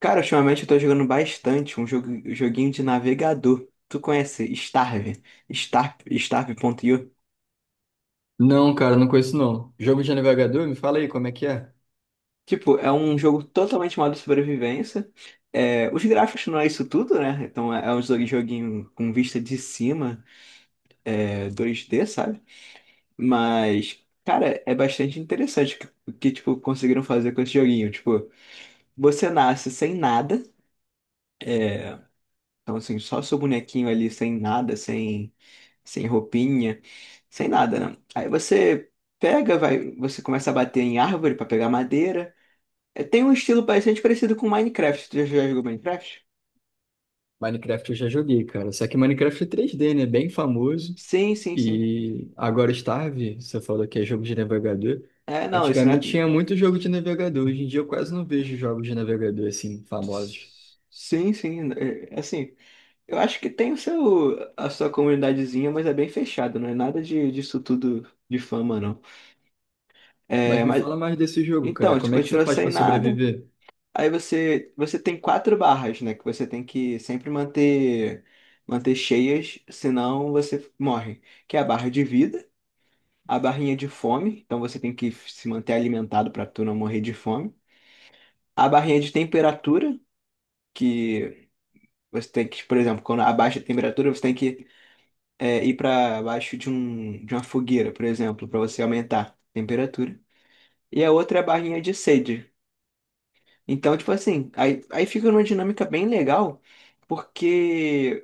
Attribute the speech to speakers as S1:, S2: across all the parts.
S1: Cara, ultimamente eu tô jogando bastante um jogo, joguinho de navegador. Tu conhece Starve? Starve, Starve.io?
S2: Não, cara, não conheço não. Jogo de navegador, me fala aí como é que é.
S1: Tipo, é um jogo totalmente modo sobrevivência. É, os gráficos não é isso tudo, né? Então é um joguinho com vista de cima, é, 2D, sabe? Mas, cara, é bastante interessante tipo, conseguiram fazer com esse joguinho. Tipo, você nasce sem nada. Então, assim, só seu bonequinho ali sem nada, sem roupinha, sem nada, né? Aí você pega, vai, você começa a bater em árvore para pegar madeira. É, tem um estilo bastante parecido com Minecraft. Tu já jogou Minecraft?
S2: Minecraft eu já joguei, cara. Só que Minecraft é três d né? Bem famoso.
S1: Sim, sim, sim.
S2: E agora é Starve, você falou que é jogo de navegador.
S1: É, não, isso não é.
S2: Antigamente tinha muito jogo de navegador. Hoje em dia eu quase não vejo jogos de navegador assim, famosos.
S1: Sim, sim. É, é assim, eu acho que tem o seu, a sua comunidadezinha, mas é bem fechado, não é nada de, disso tudo de fama, não.
S2: Mas
S1: É,
S2: me
S1: mas
S2: fala mais desse jogo,
S1: então,
S2: cara.
S1: a gente
S2: Como é que você
S1: continua
S2: faz
S1: sem
S2: pra
S1: nada.
S2: sobreviver?
S1: Aí você tem quatro barras, né? Que você tem que sempre manter, manter cheias, senão você morre. Que é a barra de vida, a barrinha de fome, então você tem que se manter alimentado para tu não morrer de fome. A barrinha de temperatura, que você tem que, por exemplo, quando abaixa a temperatura, você tem que ir para baixo de, um, de uma fogueira, por exemplo, para você aumentar a temperatura. E a outra é a barrinha de sede. Então, tipo assim, aí fica numa dinâmica bem legal, porque.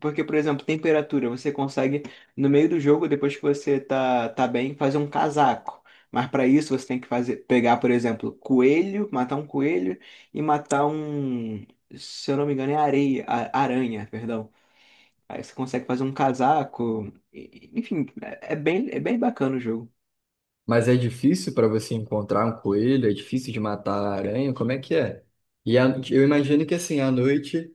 S1: Porque, por exemplo, temperatura, você consegue, no meio do jogo, depois que você tá bem, fazer um casaco. Mas para isso você tem que fazer, pegar, por exemplo, coelho, matar um coelho e matar um, se eu não me engano, é areia, aranha, perdão. Aí você consegue fazer um casaco. Enfim, é bem, é bem bacana o jogo.
S2: Mas é difícil pra você encontrar um coelho? É difícil de matar a aranha? Como é que é? Eu imagino que assim, à noite.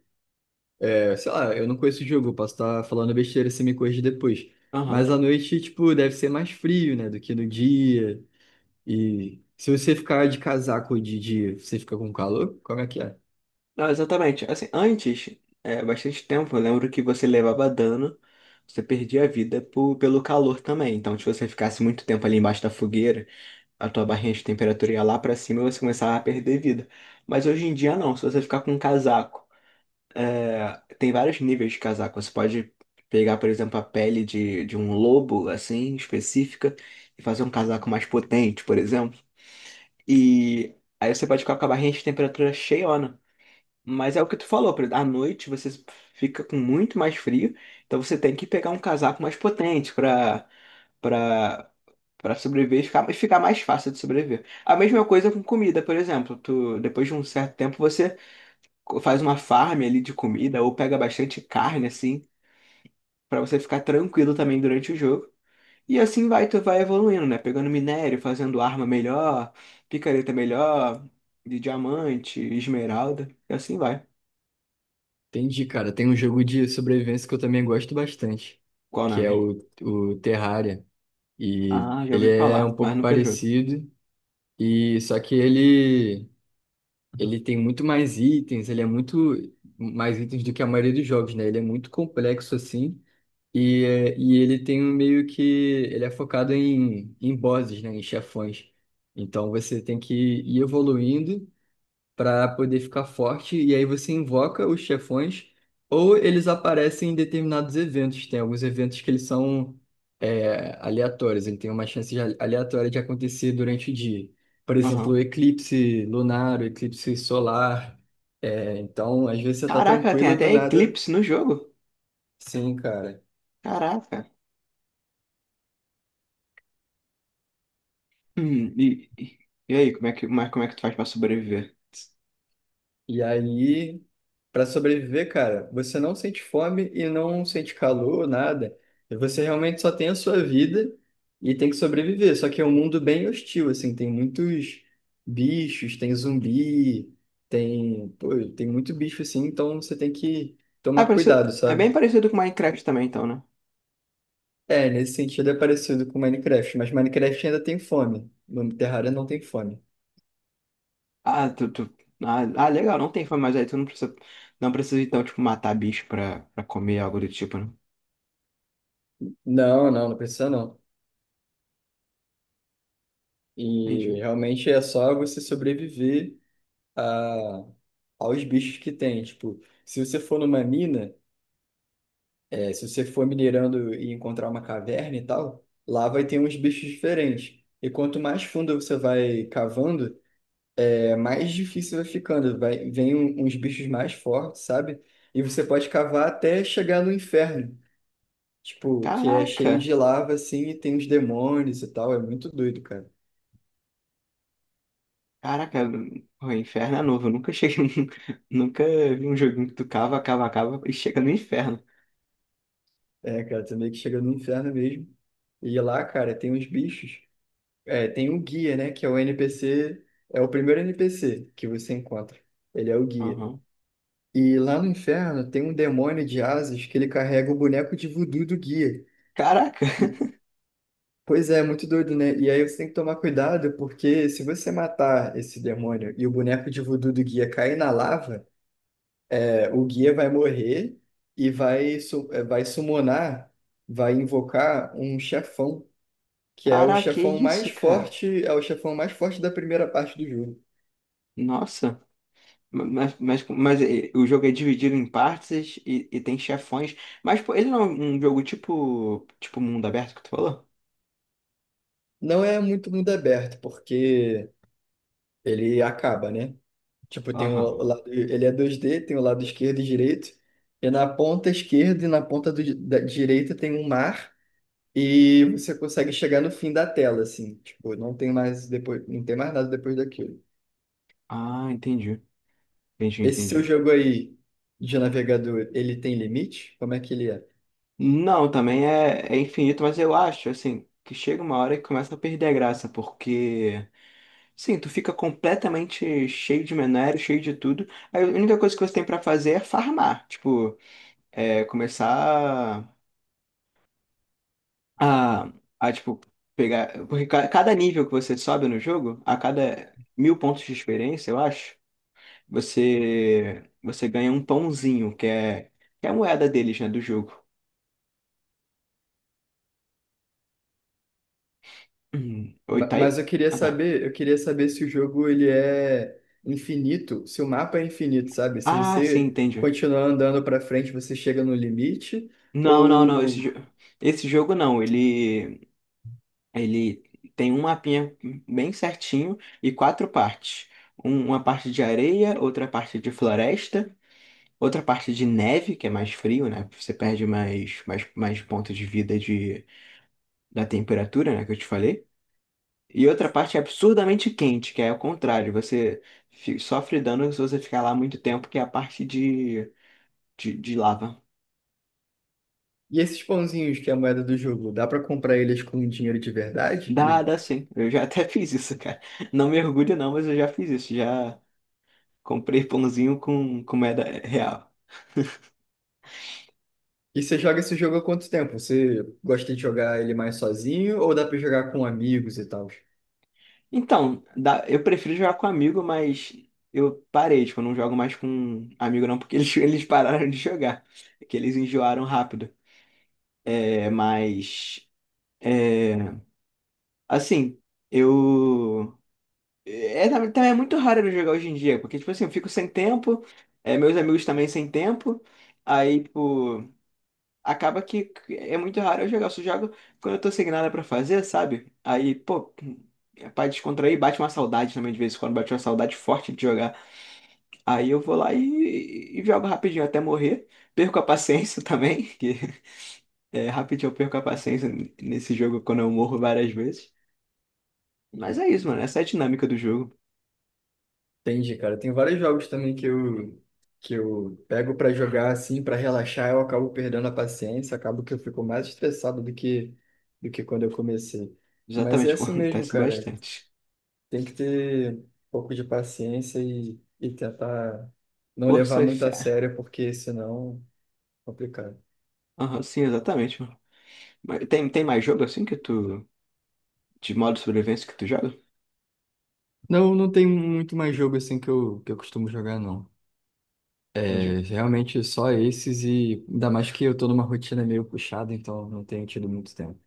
S2: Sei lá, eu não conheço o jogo, eu posso estar falando besteira, você me corrige depois. Mas
S1: Aham.
S2: à noite, tipo, deve ser mais frio, né, do que no dia. E se você ficar de casaco de dia, você fica com calor? Como é que é?
S1: Não, exatamente. Assim, antes, é, bastante tempo, eu lembro que você levava dano, você perdia a vida pelo calor também. Então, se você ficasse muito tempo ali embaixo da fogueira, a tua barrinha de temperatura ia lá pra cima e você começava a perder vida. Mas hoje em dia não, se você ficar com um casaco, é, tem vários níveis de casaco. Você pode pegar, por exemplo, a pele de um lobo, assim, específica, e fazer um casaco mais potente, por exemplo. E aí você pode ficar com a barrinha de temperatura cheiona. Mas é o que tu falou, por exemplo, à noite você fica com muito mais frio, então você tem que pegar um casaco mais potente para para sobreviver e ficar mais fácil de sobreviver. A mesma coisa com comida, por exemplo, tu depois de um certo tempo você faz uma farm ali de comida ou pega bastante carne assim, para você ficar tranquilo também durante o jogo. E assim vai, tu vai evoluindo, né? Pegando minério, fazendo arma melhor, picareta melhor, de diamante, esmeralda, e assim vai.
S2: Entendi, cara. Tem um jogo de sobrevivência que eu também gosto bastante,
S1: Qual o
S2: que é
S1: nome?
S2: o Terraria. E
S1: Ah, já
S2: ele
S1: ouvi
S2: é um
S1: falar, mas
S2: pouco
S1: nunca jogo.
S2: parecido, e só que ele, tem muito mais itens, ele é muito mais itens do que a maioria dos jogos, né? Ele é muito complexo, assim. E ele tem um meio que. Ele é focado em bosses, né? Em chefões. Então você tem que ir evoluindo para poder ficar forte. E aí você invoca os chefões, ou eles aparecem em determinados eventos. Tem alguns eventos que eles são aleatórios, ele tem uma chance de aleatória de acontecer durante o dia. Por exemplo, o
S1: Aham.
S2: eclipse lunar, o eclipse solar. É, então, às vezes você tá
S1: Caraca, tem
S2: tranquilo do
S1: até
S2: nada.
S1: eclipse no jogo.
S2: Sim, cara.
S1: Caraca. Hum, e, e e aí, como é que, mas como é que tu faz pra sobreviver?
S2: E aí, para sobreviver, cara, você não sente fome e não sente calor, nada. Você realmente só tem a sua vida e tem que sobreviver. Só que é um mundo bem hostil, assim, tem muitos bichos, tem zumbi, pô, tem muito bicho assim, então você tem que
S1: Ah, é,
S2: tomar
S1: parecido,
S2: cuidado,
S1: é
S2: sabe?
S1: bem parecido com Minecraft também, então, né?
S2: É, nesse sentido é parecido com Minecraft, mas Minecraft ainda tem fome. No Terraria não tem fome.
S1: Ah, legal, não tem fome, mas aí tu não precisa, não precisa então, tipo, matar bicho pra comer algo do tipo, né?
S2: Não, não, não precisa não. E
S1: Entendi.
S2: realmente é só você sobreviver a- aos bichos que tem. Tipo, se você for numa mina, se você for minerando e encontrar uma caverna e tal, lá vai ter uns bichos diferentes. E quanto mais fundo você vai cavando, é mais difícil vai ficando. Vai, vem uns bichos mais fortes, sabe? E você pode cavar até chegar no inferno. Tipo, que é cheio
S1: Caraca,
S2: de lava, assim, e tem uns demônios e tal. É muito doido, cara.
S1: caraca, o inferno é novo, eu nunca cheguei, nunca vi um joguinho que tu cava e chega no inferno.
S2: É, cara, você meio que chega no inferno mesmo. E lá, cara, tem uns bichos. É, tem um guia, né? Que é o NPC, é o primeiro NPC que você encontra. Ele é o guia.
S1: Aham.
S2: E lá no inferno tem um demônio de asas que ele carrega o boneco de voodoo do guia.
S1: Caraca.
S2: E, pois é, muito doido, né? E aí você tem que tomar cuidado, porque se você matar esse demônio e o boneco de voodoo do guia cair na lava, o guia vai morrer e vai summonar, vai invocar um chefão, que é o
S1: Caraca, que
S2: chefão mais
S1: isso, cara?
S2: forte, é o chefão mais forte da primeira parte do jogo.
S1: Nossa, o jogo é dividido em partes e tem chefões. Mas pô, ele não é um jogo tipo mundo aberto que tu falou?
S2: Não é muito mundo aberto, porque ele acaba, né? Tipo, tem o
S1: Aham.
S2: lado, ele é 2D, tem o lado esquerdo e direito, e na ponta esquerda e na ponta da direita tem um mar, e você consegue chegar no fim da tela, assim. Tipo, não tem mais depois, não tem mais nada depois daquilo.
S1: Ah, entendi. Entendi,
S2: Esse seu
S1: entendi.
S2: jogo aí de navegador, ele tem limite? Como é que ele é?
S1: Não, também é infinito, mas eu acho, assim, que chega uma hora que começa a perder a graça, porque, sim, tu fica completamente cheio de minério, cheio de tudo. Aí a única coisa que você tem pra fazer é farmar, tipo, é começar. A, a tipo, pegar. Porque cada nível que você sobe no jogo, a cada mil pontos de experiência, eu acho, você ganha um pãozinho, que é a moeda deles, né, do jogo. Hum. Oi, tá aí?
S2: Mas eu queria
S1: Ah, tá.
S2: saber, se o jogo ele é infinito, se o mapa é infinito, sabe? Se
S1: Ah, sim,
S2: você
S1: entendi.
S2: continuar andando pra frente, você chega no limite,
S1: Não, não, não.
S2: ou
S1: Esse jogo não. Ele tem um mapinha bem certinho e quatro partes. Uma parte de areia, outra parte de floresta. Outra parte de neve, que é mais frio, né? Você perde mais pontos de vida de, da temperatura, né? Que eu te falei. E outra parte é absurdamente quente, que é o contrário. Você sofre dano se você ficar lá muito tempo, que é a parte de lava.
S2: e esses pãozinhos que é a moeda do jogo, dá pra comprar eles com dinheiro de
S1: Dá,
S2: verdade?
S1: dá sim. Eu já até fiz isso, cara. Não mergulho não, mas eu já fiz isso. Já comprei pãozinho com moeda real.
S2: E você joga esse jogo há quanto tempo? Você gosta de jogar ele mais sozinho ou dá pra jogar com amigos e tal?
S1: Então, eu prefiro jogar com amigo, mas eu parei, tipo, eu não jogo mais com amigo não, porque eles, eles pararam de jogar, que eles enjoaram rápido. É, mas, é, assim, eu... É, também é muito raro eu jogar hoje em dia, porque, tipo assim, eu fico sem tempo, é, meus amigos também sem tempo, aí, tipo, acaba que é muito raro eu jogar, eu só jogo quando eu tô sem nada pra fazer, sabe? Aí, pô... É pra descontrair, bate uma saudade também de vez em quando, bate uma saudade forte de jogar. Aí eu vou lá e jogo rapidinho até morrer. Perco a paciência também, que é, rapidinho eu perco a paciência nesse jogo quando eu morro várias vezes. Mas é isso, mano. Essa é a dinâmica do jogo.
S2: Entendi, cara. Tem vários jogos também que eu, pego pra jogar assim, pra relaxar, eu acabo perdendo a paciência, acabo que eu fico mais estressado do que, quando eu comecei. Mas
S1: Exatamente,
S2: é assim mesmo,
S1: acontece
S2: cara.
S1: bastante.
S2: Tem que ter um pouco de paciência e tentar não levar
S1: Força e
S2: muito a
S1: fé.
S2: sério, porque senão é complicado.
S1: Aham, sim, exatamente, mano. Mas tem mais jogo assim que tu. De modo sobrevivência que tu joga?
S2: Não, não tem muito mais jogo assim que eu, costumo jogar, não.
S1: Entendi.
S2: É, realmente só esses e ainda mais que eu tô numa rotina meio puxada, então não tenho tido muito tempo.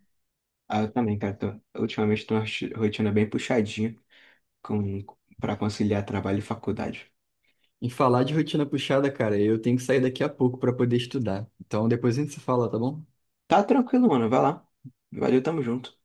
S1: Ah, eu também, cara. Tô, ultimamente tô uma rotina bem puxadinha com, pra conciliar trabalho e faculdade.
S2: E falar de rotina puxada, cara, eu tenho que sair daqui a pouco para poder estudar. Então depois a gente se fala, tá bom?
S1: Tá tranquilo, mano. Vai lá. Valeu, tamo junto.